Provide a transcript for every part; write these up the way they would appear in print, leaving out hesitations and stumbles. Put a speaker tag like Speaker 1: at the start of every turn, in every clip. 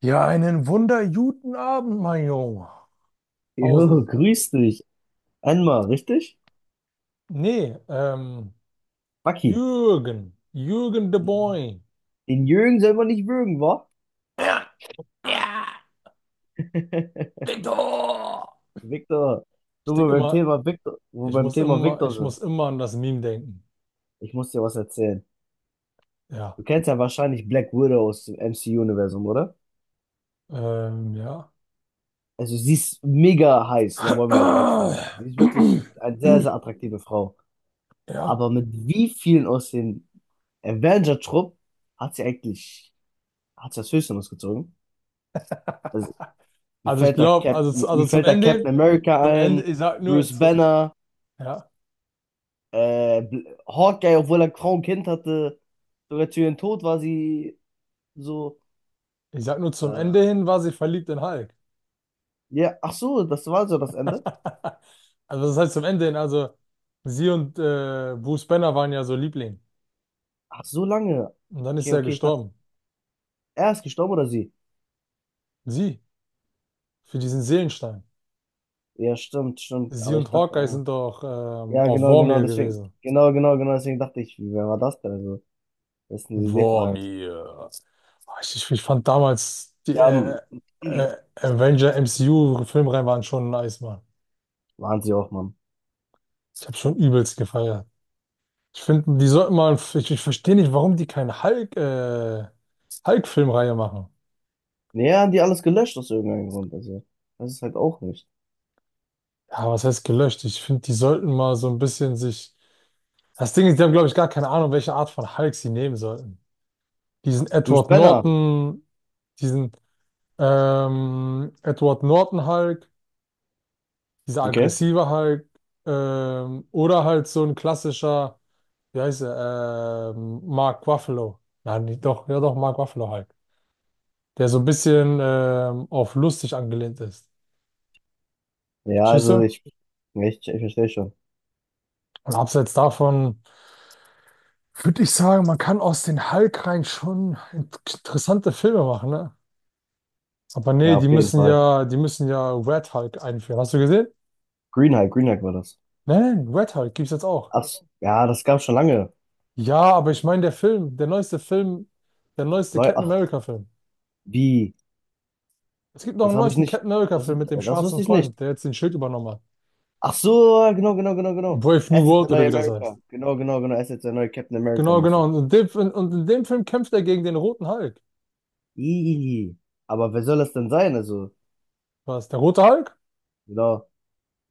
Speaker 1: Ja, einen wunderguten Abend, mein Junge.
Speaker 2: Jo,
Speaker 1: Hausel.
Speaker 2: grüß dich. Einmal, richtig?
Speaker 1: Nee,
Speaker 2: Bucky.
Speaker 1: Jürgen. Jürgen de Boy.
Speaker 2: Den Jürgen soll man nicht würgen, wa?
Speaker 1: Ja, ja, Victor!
Speaker 2: Victor,
Speaker 1: Ich
Speaker 2: wo
Speaker 1: denk
Speaker 2: wir beim
Speaker 1: immer,
Speaker 2: Thema Victor, wo wir
Speaker 1: ich
Speaker 2: beim
Speaker 1: muss
Speaker 2: Thema
Speaker 1: immer,
Speaker 2: Victor
Speaker 1: ich
Speaker 2: sind.
Speaker 1: muss immer an das Meme denken.
Speaker 2: Ich muss dir was erzählen.
Speaker 1: Ja.
Speaker 2: Du kennst ja wahrscheinlich Black Widow aus dem MCU-Universum, oder?
Speaker 1: Ja.
Speaker 2: Also sie ist mega heiß, da wollen wir jetzt nichts sagen. Sie ist wirklich eine sehr, sehr attraktive Frau.
Speaker 1: Ja.
Speaker 2: Aber mit wie vielen aus dem Avenger-Trupp hat sie eigentlich, hat sie das Höschen ausgezogen? Also mir
Speaker 1: Also ich
Speaker 2: fällt da
Speaker 1: glaube, also, zu-
Speaker 2: Captain, mir
Speaker 1: also
Speaker 2: fällt da Captain America
Speaker 1: Zum Ende,
Speaker 2: ein,
Speaker 1: ich sag nur,
Speaker 2: Bruce
Speaker 1: zu,
Speaker 2: Banner,
Speaker 1: ja,
Speaker 2: Hawkeye, obwohl er kaum Kind hatte. Sogar zu ihrem Tod war sie so.
Speaker 1: ich sag nur zum
Speaker 2: Äh,
Speaker 1: Ende hin war sie verliebt in Hulk.
Speaker 2: ja, ach so, das war so das Ende.
Speaker 1: Also das heißt zum Ende hin, also sie und Bruce Banner waren ja so Liebling.
Speaker 2: Ach, so lange.
Speaker 1: Und dann ist
Speaker 2: Okay,
Speaker 1: er
Speaker 2: okay, ich dachte,
Speaker 1: gestorben.
Speaker 2: er ist gestorben oder sie?
Speaker 1: Sie, für diesen Seelenstein.
Speaker 2: Ja, stimmt, stimmt.
Speaker 1: Sie
Speaker 2: Aber ich
Speaker 1: und
Speaker 2: dachte,
Speaker 1: Hawkeye
Speaker 2: ah,
Speaker 1: sind doch
Speaker 2: ja,
Speaker 1: auf
Speaker 2: genau, genau,
Speaker 1: Vormir
Speaker 2: deswegen,
Speaker 1: gewesen.
Speaker 2: genau, genau, genau, deswegen dachte ich, wer war das denn? Also, das ist eine Idee von einem.
Speaker 1: Vormir. Oh, ich fand damals, die
Speaker 2: Ja, m-
Speaker 1: äh, äh, Avenger MCU-Filmreihen waren schon nice, Mann.
Speaker 2: waren sie auch, Mann.
Speaker 1: Ich habe schon übelst gefeiert. Ich finde, die sollten mal, ich verstehe nicht, warum die keine Hulk-Filmreihe machen.
Speaker 2: Ja, haben die alles gelöscht aus irgendeinem Grund. Also, das ist halt auch nicht.
Speaker 1: Ja, was heißt gelöscht? Ich finde, die sollten mal so ein bisschen sich. Das Ding ist, die haben, glaube ich, gar keine Ahnung, welche Art von Hulk sie nehmen sollten. Diesen
Speaker 2: Du
Speaker 1: Edward
Speaker 2: Spinner.
Speaker 1: Norton, diesen Edward Norton Hulk, dieser
Speaker 2: Okay.
Speaker 1: aggressive Hulk, oder halt so ein klassischer, wie heißt er, Mark Ruffalo. Nein, nicht, doch, ja doch, Mark Ruffalo Hulk. Der so ein bisschen auf lustig angelehnt ist.
Speaker 2: Ja,
Speaker 1: Verstehst
Speaker 2: also
Speaker 1: du?
Speaker 2: ich, ich verstehe schon.
Speaker 1: Und abseits davon. Würde ich sagen, man kann aus den hulk rein schon interessante Filme machen, ne? Aber nee,
Speaker 2: Ja, auf jeden Fall.
Speaker 1: die müssen ja Red Hulk einführen. Hast du gesehen?
Speaker 2: Green Hike, Green Hike war das.
Speaker 1: Nein, nein, Red Hulk gibt's jetzt auch.
Speaker 2: Ach, s- ja, das gab's schon lange.
Speaker 1: Ja, aber ich meine, der neueste Film, der neueste
Speaker 2: Neu,
Speaker 1: Captain
Speaker 2: ach,
Speaker 1: America-Film.
Speaker 2: wie?
Speaker 1: Es gibt noch
Speaker 2: Das
Speaker 1: einen
Speaker 2: habe ich
Speaker 1: neuesten
Speaker 2: nicht.
Speaker 1: Captain
Speaker 2: Das,
Speaker 1: America-Film mit dem
Speaker 2: das wusste
Speaker 1: schwarzen
Speaker 2: ich nicht.
Speaker 1: Freund, der jetzt den Schild übernommen hat.
Speaker 2: Ach so, genau, genau, genau, genau.
Speaker 1: Brave
Speaker 2: Er
Speaker 1: New
Speaker 2: ist jetzt der
Speaker 1: World oder
Speaker 2: neue
Speaker 1: wie das heißt.
Speaker 2: America. Genau, genau, genau. Er ist jetzt der neue Captain America
Speaker 1: Genau, genau.
Speaker 2: mäßig.
Speaker 1: Und in dem Film kämpft er gegen den roten Hulk.
Speaker 2: Ih, aber wer soll das denn sein? Also,
Speaker 1: Was? Der rote Hulk?
Speaker 2: genau.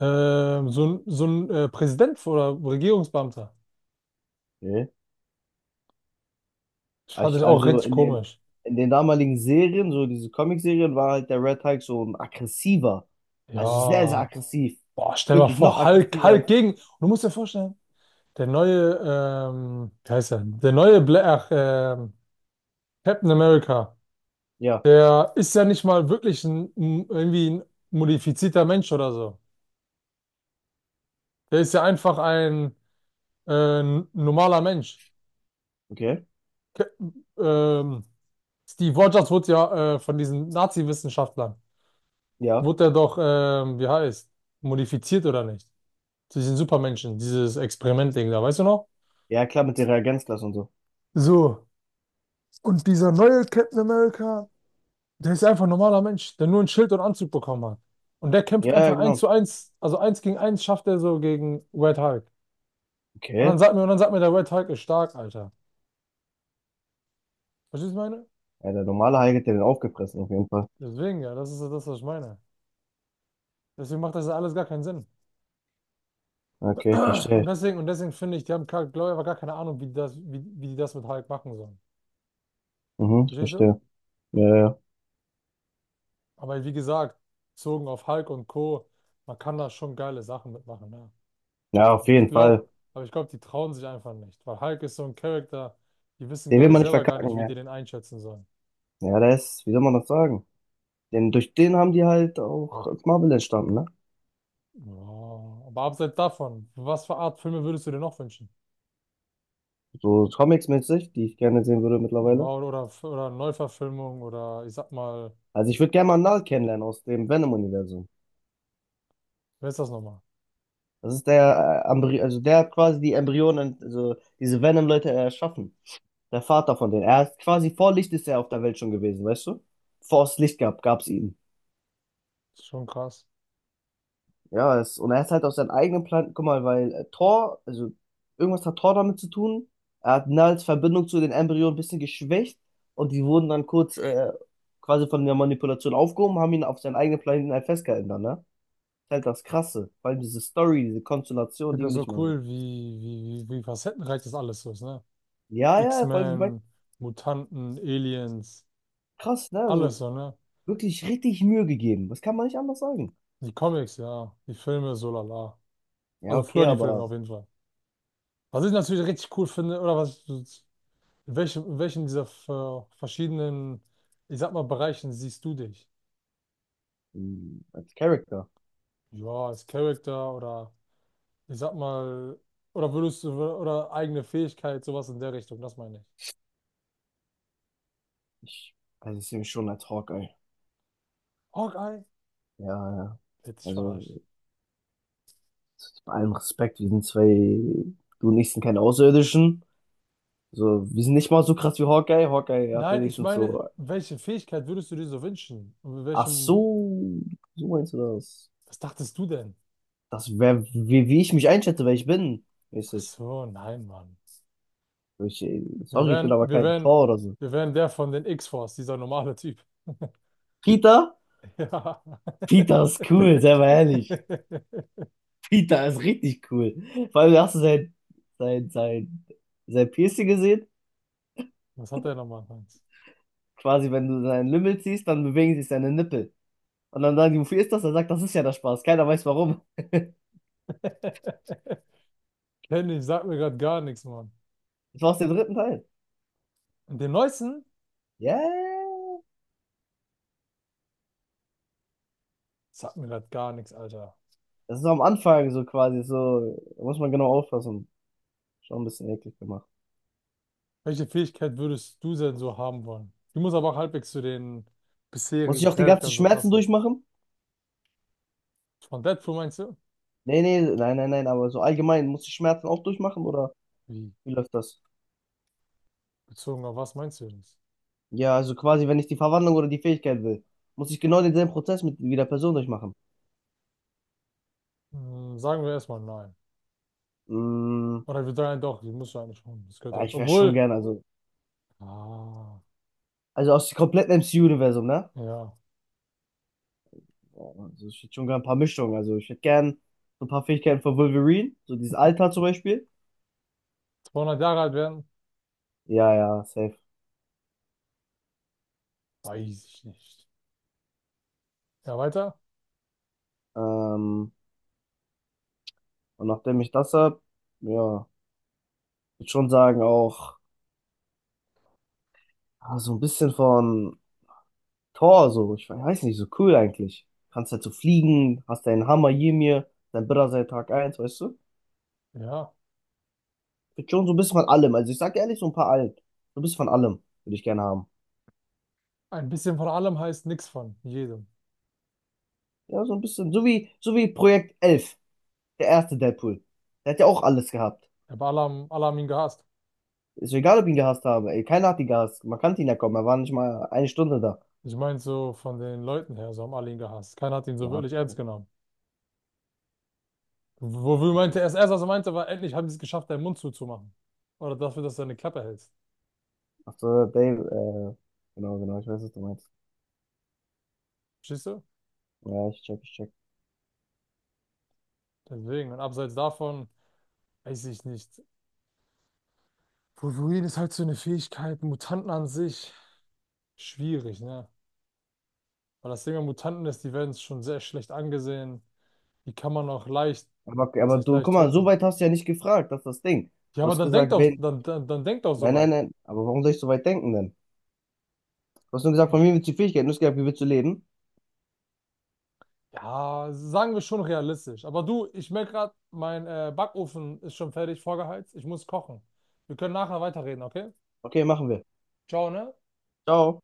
Speaker 1: Ähm, so ein Präsident oder Regierungsbeamter.
Speaker 2: Nee.
Speaker 1: Das
Speaker 2: Ah,
Speaker 1: fand ich
Speaker 2: ich,
Speaker 1: auch
Speaker 2: also
Speaker 1: richtig komisch.
Speaker 2: in den damaligen Serien, so diese Comic-Serien, war halt der Red Hulk so ein aggressiver. Also sehr, sehr
Speaker 1: Ja,
Speaker 2: aggressiv.
Speaker 1: boah, stell mal
Speaker 2: Wirklich noch
Speaker 1: vor, Hulk,
Speaker 2: aggressiver
Speaker 1: Hulk
Speaker 2: als.
Speaker 1: gegen. Und du musst dir vorstellen, der neue, wie heißt er? Der neue Captain America,
Speaker 2: Ja,
Speaker 1: der ist ja nicht mal wirklich irgendwie ein modifizierter Mensch oder so. Der ist ja einfach ein äh, normaler Mensch.
Speaker 2: okay.
Speaker 1: Ke- Ähm, Steve Rogers wurde ja von diesen Nazi-Wissenschaftlern
Speaker 2: Ja.
Speaker 1: wurde er doch, modifiziert oder nicht? Durch den Supermenschen, dieses Experiment-Ding da, weißt du noch?
Speaker 2: Ja, klar, mit der Reagenzglas und so.
Speaker 1: So. Und dieser neue Captain America, der ist einfach ein normaler Mensch, der nur ein Schild und Anzug bekommen hat. Und der kämpft
Speaker 2: Ja, ja,
Speaker 1: einfach eins
Speaker 2: genau.
Speaker 1: zu eins, also eins gegen eins schafft er so gegen Red Hulk.
Speaker 2: Okay.
Speaker 1: Und dann sagt mir, der Red Hulk ist stark, Alter. Verstehst du, was ich meine?
Speaker 2: Ja, der normale Hulk hat den aufgefressen, auf jeden Fall.
Speaker 1: Deswegen, ja, das ist ja das, was ich meine. Deswegen macht das ja alles gar keinen Sinn.
Speaker 2: Okay, ich verstehe.
Speaker 1: Und deswegen finde ich, die haben, glaube ich, aber gar keine Ahnung, wie die das mit Hulk machen sollen.
Speaker 2: Mhm, ich
Speaker 1: Verstehst du?
Speaker 2: verstehe. Ja, ja.
Speaker 1: Aber wie gesagt, bezogen auf Hulk und Co., man kann da schon geile Sachen mitmachen, ne?
Speaker 2: Ja, auf
Speaker 1: Aber ich
Speaker 2: jeden
Speaker 1: glaube,
Speaker 2: Fall.
Speaker 1: aber ich glaube, die trauen sich einfach nicht, weil Hulk ist so ein Charakter, die wissen,
Speaker 2: Den will
Speaker 1: glaube ich,
Speaker 2: man nicht
Speaker 1: selber gar nicht,
Speaker 2: verkacken,
Speaker 1: wie
Speaker 2: ja.
Speaker 1: die den einschätzen sollen.
Speaker 2: Ja, das ist, wie soll man das sagen? Denn durch den haben die halt auch Marvel entstanden, ne?
Speaker 1: Ja, aber abseits davon, was für Art Filme würdest du dir noch wünschen?
Speaker 2: So Comics-mäßig, die ich gerne sehen würde
Speaker 1: Ja,
Speaker 2: mittlerweile.
Speaker 1: oder Neuverfilmung oder ich sag mal,
Speaker 2: Also ich würde gerne mal Null kennenlernen aus dem Venom-Universum.
Speaker 1: wer ist das nochmal?
Speaker 2: Das ist der, Embry, also der hat quasi die Embryonen, also diese Venom-Leute erschaffen. Der Vater von denen. Er ist quasi vor Licht ist er auf der Welt schon gewesen, weißt du? Vor es Licht gab, gab es ihn.
Speaker 1: Ist schon krass.
Speaker 2: Ja, es, und er ist halt aus seinem eigenen Planeten, guck mal, weil Thor, also irgendwas hat Thor damit zu tun. Er hat Nulls Verbindung zu den Embryonen ein bisschen geschwächt und die wurden dann kurz quasi von der Manipulation aufgehoben, haben ihn auf seinen eigenen Planeten halt festgehalten dann, ne? Halt das Krasse. Vor allem diese Story, diese
Speaker 1: Ich
Speaker 2: Konstellation, die
Speaker 1: finde das
Speaker 2: will
Speaker 1: so
Speaker 2: ich mal sehen.
Speaker 1: cool, wie facettenreich das alles so ist, ne?
Speaker 2: Ja, ja, vor allem, weil-
Speaker 1: X-Men, Mutanten, Aliens,
Speaker 2: krass, ne?
Speaker 1: alles
Speaker 2: Also
Speaker 1: so, ne?
Speaker 2: wirklich richtig Mühe gegeben. Das kann man nicht anders sagen.
Speaker 1: Die Comics, ja. Die Filme, so lala.
Speaker 2: Ja,
Speaker 1: Also
Speaker 2: okay,
Speaker 1: früher die Filme
Speaker 2: aber
Speaker 1: auf jeden Fall. Was ich natürlich richtig cool finde, oder was, in welchen dieser verschiedenen, ich sag mal, Bereichen siehst du dich?
Speaker 2: mh, als Charakter.
Speaker 1: Ja, als Charakter oder ich sag mal, oder würdest du, oder eigene Fähigkeit, sowas in der Richtung, das meine ich.
Speaker 2: Ich, also ich sehe mich schon als Hawkeye.
Speaker 1: Hawkeye?
Speaker 2: Ja, ja.
Speaker 1: Hätte ich
Speaker 2: Also
Speaker 1: verarscht.
Speaker 2: bei allem Respekt, wir sind zwei, du und ich sind keine Außerirdischen. So, wir sind nicht mal so krass wie Hawkeye. Hawkeye hat
Speaker 1: Nein, ich
Speaker 2: wenigstens
Speaker 1: meine,
Speaker 2: so,
Speaker 1: welche Fähigkeit würdest du dir so wünschen? Und mit
Speaker 2: ach
Speaker 1: welchem,
Speaker 2: so, so meinst du das?
Speaker 1: was dachtest du denn?
Speaker 2: Das wäre, wie, wie ich mich einschätze, wer ich bin.
Speaker 1: Ach
Speaker 2: Mäßig.
Speaker 1: so, nein, Mann.
Speaker 2: Ich,
Speaker 1: Wir
Speaker 2: sorry, ich will
Speaker 1: wären,
Speaker 2: aber
Speaker 1: wir
Speaker 2: kein
Speaker 1: wären,
Speaker 2: Tor oder so.
Speaker 1: wir wären der von den X-Force, dieser normale Typ.
Speaker 2: Peter?
Speaker 1: Ja.
Speaker 2: Peter ist cool, sei mal ehrlich. Peter ist richtig cool. Vor allem hast du sein, sein, sein, sein Piercing gesehen.
Speaker 1: Was hat der nochmal, Hans?
Speaker 2: Quasi, wenn du seinen Lümmel ziehst, dann bewegen sich seine Nippel. Und dann sagen die, wofür ist das? Er sagt, das ist ja der Spaß. Keiner weiß warum.
Speaker 1: Kenny, sagt mir gerade gar nichts, Mann.
Speaker 2: Das war aus dem dritten Teil.
Speaker 1: Und den neuesten?
Speaker 2: Ja. Yeah.
Speaker 1: Sagt mir gerade gar nichts, Alter.
Speaker 2: Das ist so am Anfang so quasi so. Da muss man genau aufpassen. Schon ein bisschen eklig gemacht.
Speaker 1: Welche Fähigkeit würdest du denn so haben wollen? Die muss aber auch halbwegs zu den
Speaker 2: Muss ich
Speaker 1: bisherigen
Speaker 2: auch die ganzen
Speaker 1: Charaktern so
Speaker 2: Schmerzen
Speaker 1: passen.
Speaker 2: durchmachen?
Speaker 1: Von Deadpool meinst du?
Speaker 2: Nee, nee, nein, nein, nein, aber so allgemein, muss ich Schmerzen auch durchmachen oder
Speaker 1: Wie?
Speaker 2: wie läuft das?
Speaker 1: Bezogen auf was meinst du das?
Speaker 2: Ja, also quasi, wenn ich die Verwandlung oder die Fähigkeit will, muss ich genau denselben Prozess mit wie der Person durchmachen.
Speaker 1: Hm, sagen wir erstmal nein.
Speaker 2: Mm,
Speaker 1: Oder wir sagen doch, die musst du eigentlich schon. Das gehört
Speaker 2: ja,
Speaker 1: halt.
Speaker 2: ich wäre schon
Speaker 1: Obwohl.
Speaker 2: gern,
Speaker 1: Ah.
Speaker 2: also aus dem kompletten MCU-Universum, ne?
Speaker 1: Ja,
Speaker 2: Ja, also ich hätte schon gern ein paar Mischungen. Also ich hätte gern so ein paar Fähigkeiten von Wolverine, so dieses Alter zum Beispiel.
Speaker 1: 200 Jahre alt werden?
Speaker 2: Ja, ja, safe.
Speaker 1: Weiß ich nicht. Ja, weiter?
Speaker 2: Ähm, und nachdem ich das hab, ja, würde schon sagen, auch ah, so ein bisschen von Thor, so, ich weiß nicht, so cool eigentlich. Kannst halt so fliegen, hast deinen Hammer Ymir, dein Bruder seit Tag 1, weißt du?
Speaker 1: Ja.
Speaker 2: Big John, so ein bisschen von allem. Also ich sag ehrlich, so ein paar alt. So ein bisschen von allem würde ich gerne haben.
Speaker 1: Ein bisschen von allem heißt nichts von jedem.
Speaker 2: Ja, so ein bisschen. So wie Projekt Elf, der erste Deadpool. Der hat ja auch alles gehabt.
Speaker 1: Aber alle haben ihn gehasst.
Speaker 2: Ist mir egal, ob ich ihn gehasst habe. Ey, keiner hat ihn gehasst. Man kannte ihn ja kommen. Er war nicht mal 1 Stunde da.
Speaker 1: Ich meine so von den Leuten her, so haben alle ihn gehasst. Keiner hat ihn so
Speaker 2: Ja,
Speaker 1: wirklich ernst
Speaker 2: okay.
Speaker 1: genommen. Wofür meinte
Speaker 2: Okay.
Speaker 1: er es erst, was er meinte, war, endlich haben sie es geschafft, deinen Mund zuzumachen. Oder dafür, dass du deine Klappe hältst.
Speaker 2: Ach so, Dave, genau, genau, ich weiß, was du meinst.
Speaker 1: Verstehst du?
Speaker 2: Ja, ich check, ich check.
Speaker 1: Deswegen. Und abseits davon, weiß ich nicht. Wolverine ist halt so eine Fähigkeit, Mutanten an sich. Schwierig, ne? Weil das Ding an Mutanten ist, die werden schon sehr schlecht angesehen. Die kann man auch leicht, was
Speaker 2: Aber
Speaker 1: heißt
Speaker 2: du, guck
Speaker 1: leicht
Speaker 2: mal, so
Speaker 1: töten?
Speaker 2: weit hast du ja nicht gefragt, das ist das Ding.
Speaker 1: Ja,
Speaker 2: Du
Speaker 1: aber
Speaker 2: hast
Speaker 1: dann denkt
Speaker 2: gesagt,
Speaker 1: auch,
Speaker 2: wen?
Speaker 1: dann denkt auch so
Speaker 2: Nein,
Speaker 1: weit.
Speaker 2: nein, nein. Aber warum soll ich so weit denken denn? Du hast nur gesagt,
Speaker 1: Hm.
Speaker 2: von mir willst du die Fähigkeiten. Du hast gesagt, wie willst du leben?
Speaker 1: Ja, sagen wir schon realistisch. Aber du, ich merke gerade, mein Backofen ist schon fertig vorgeheizt. Ich muss kochen. Wir können nachher weiterreden, okay?
Speaker 2: Okay, machen wir.
Speaker 1: Ciao, ne?
Speaker 2: Ciao.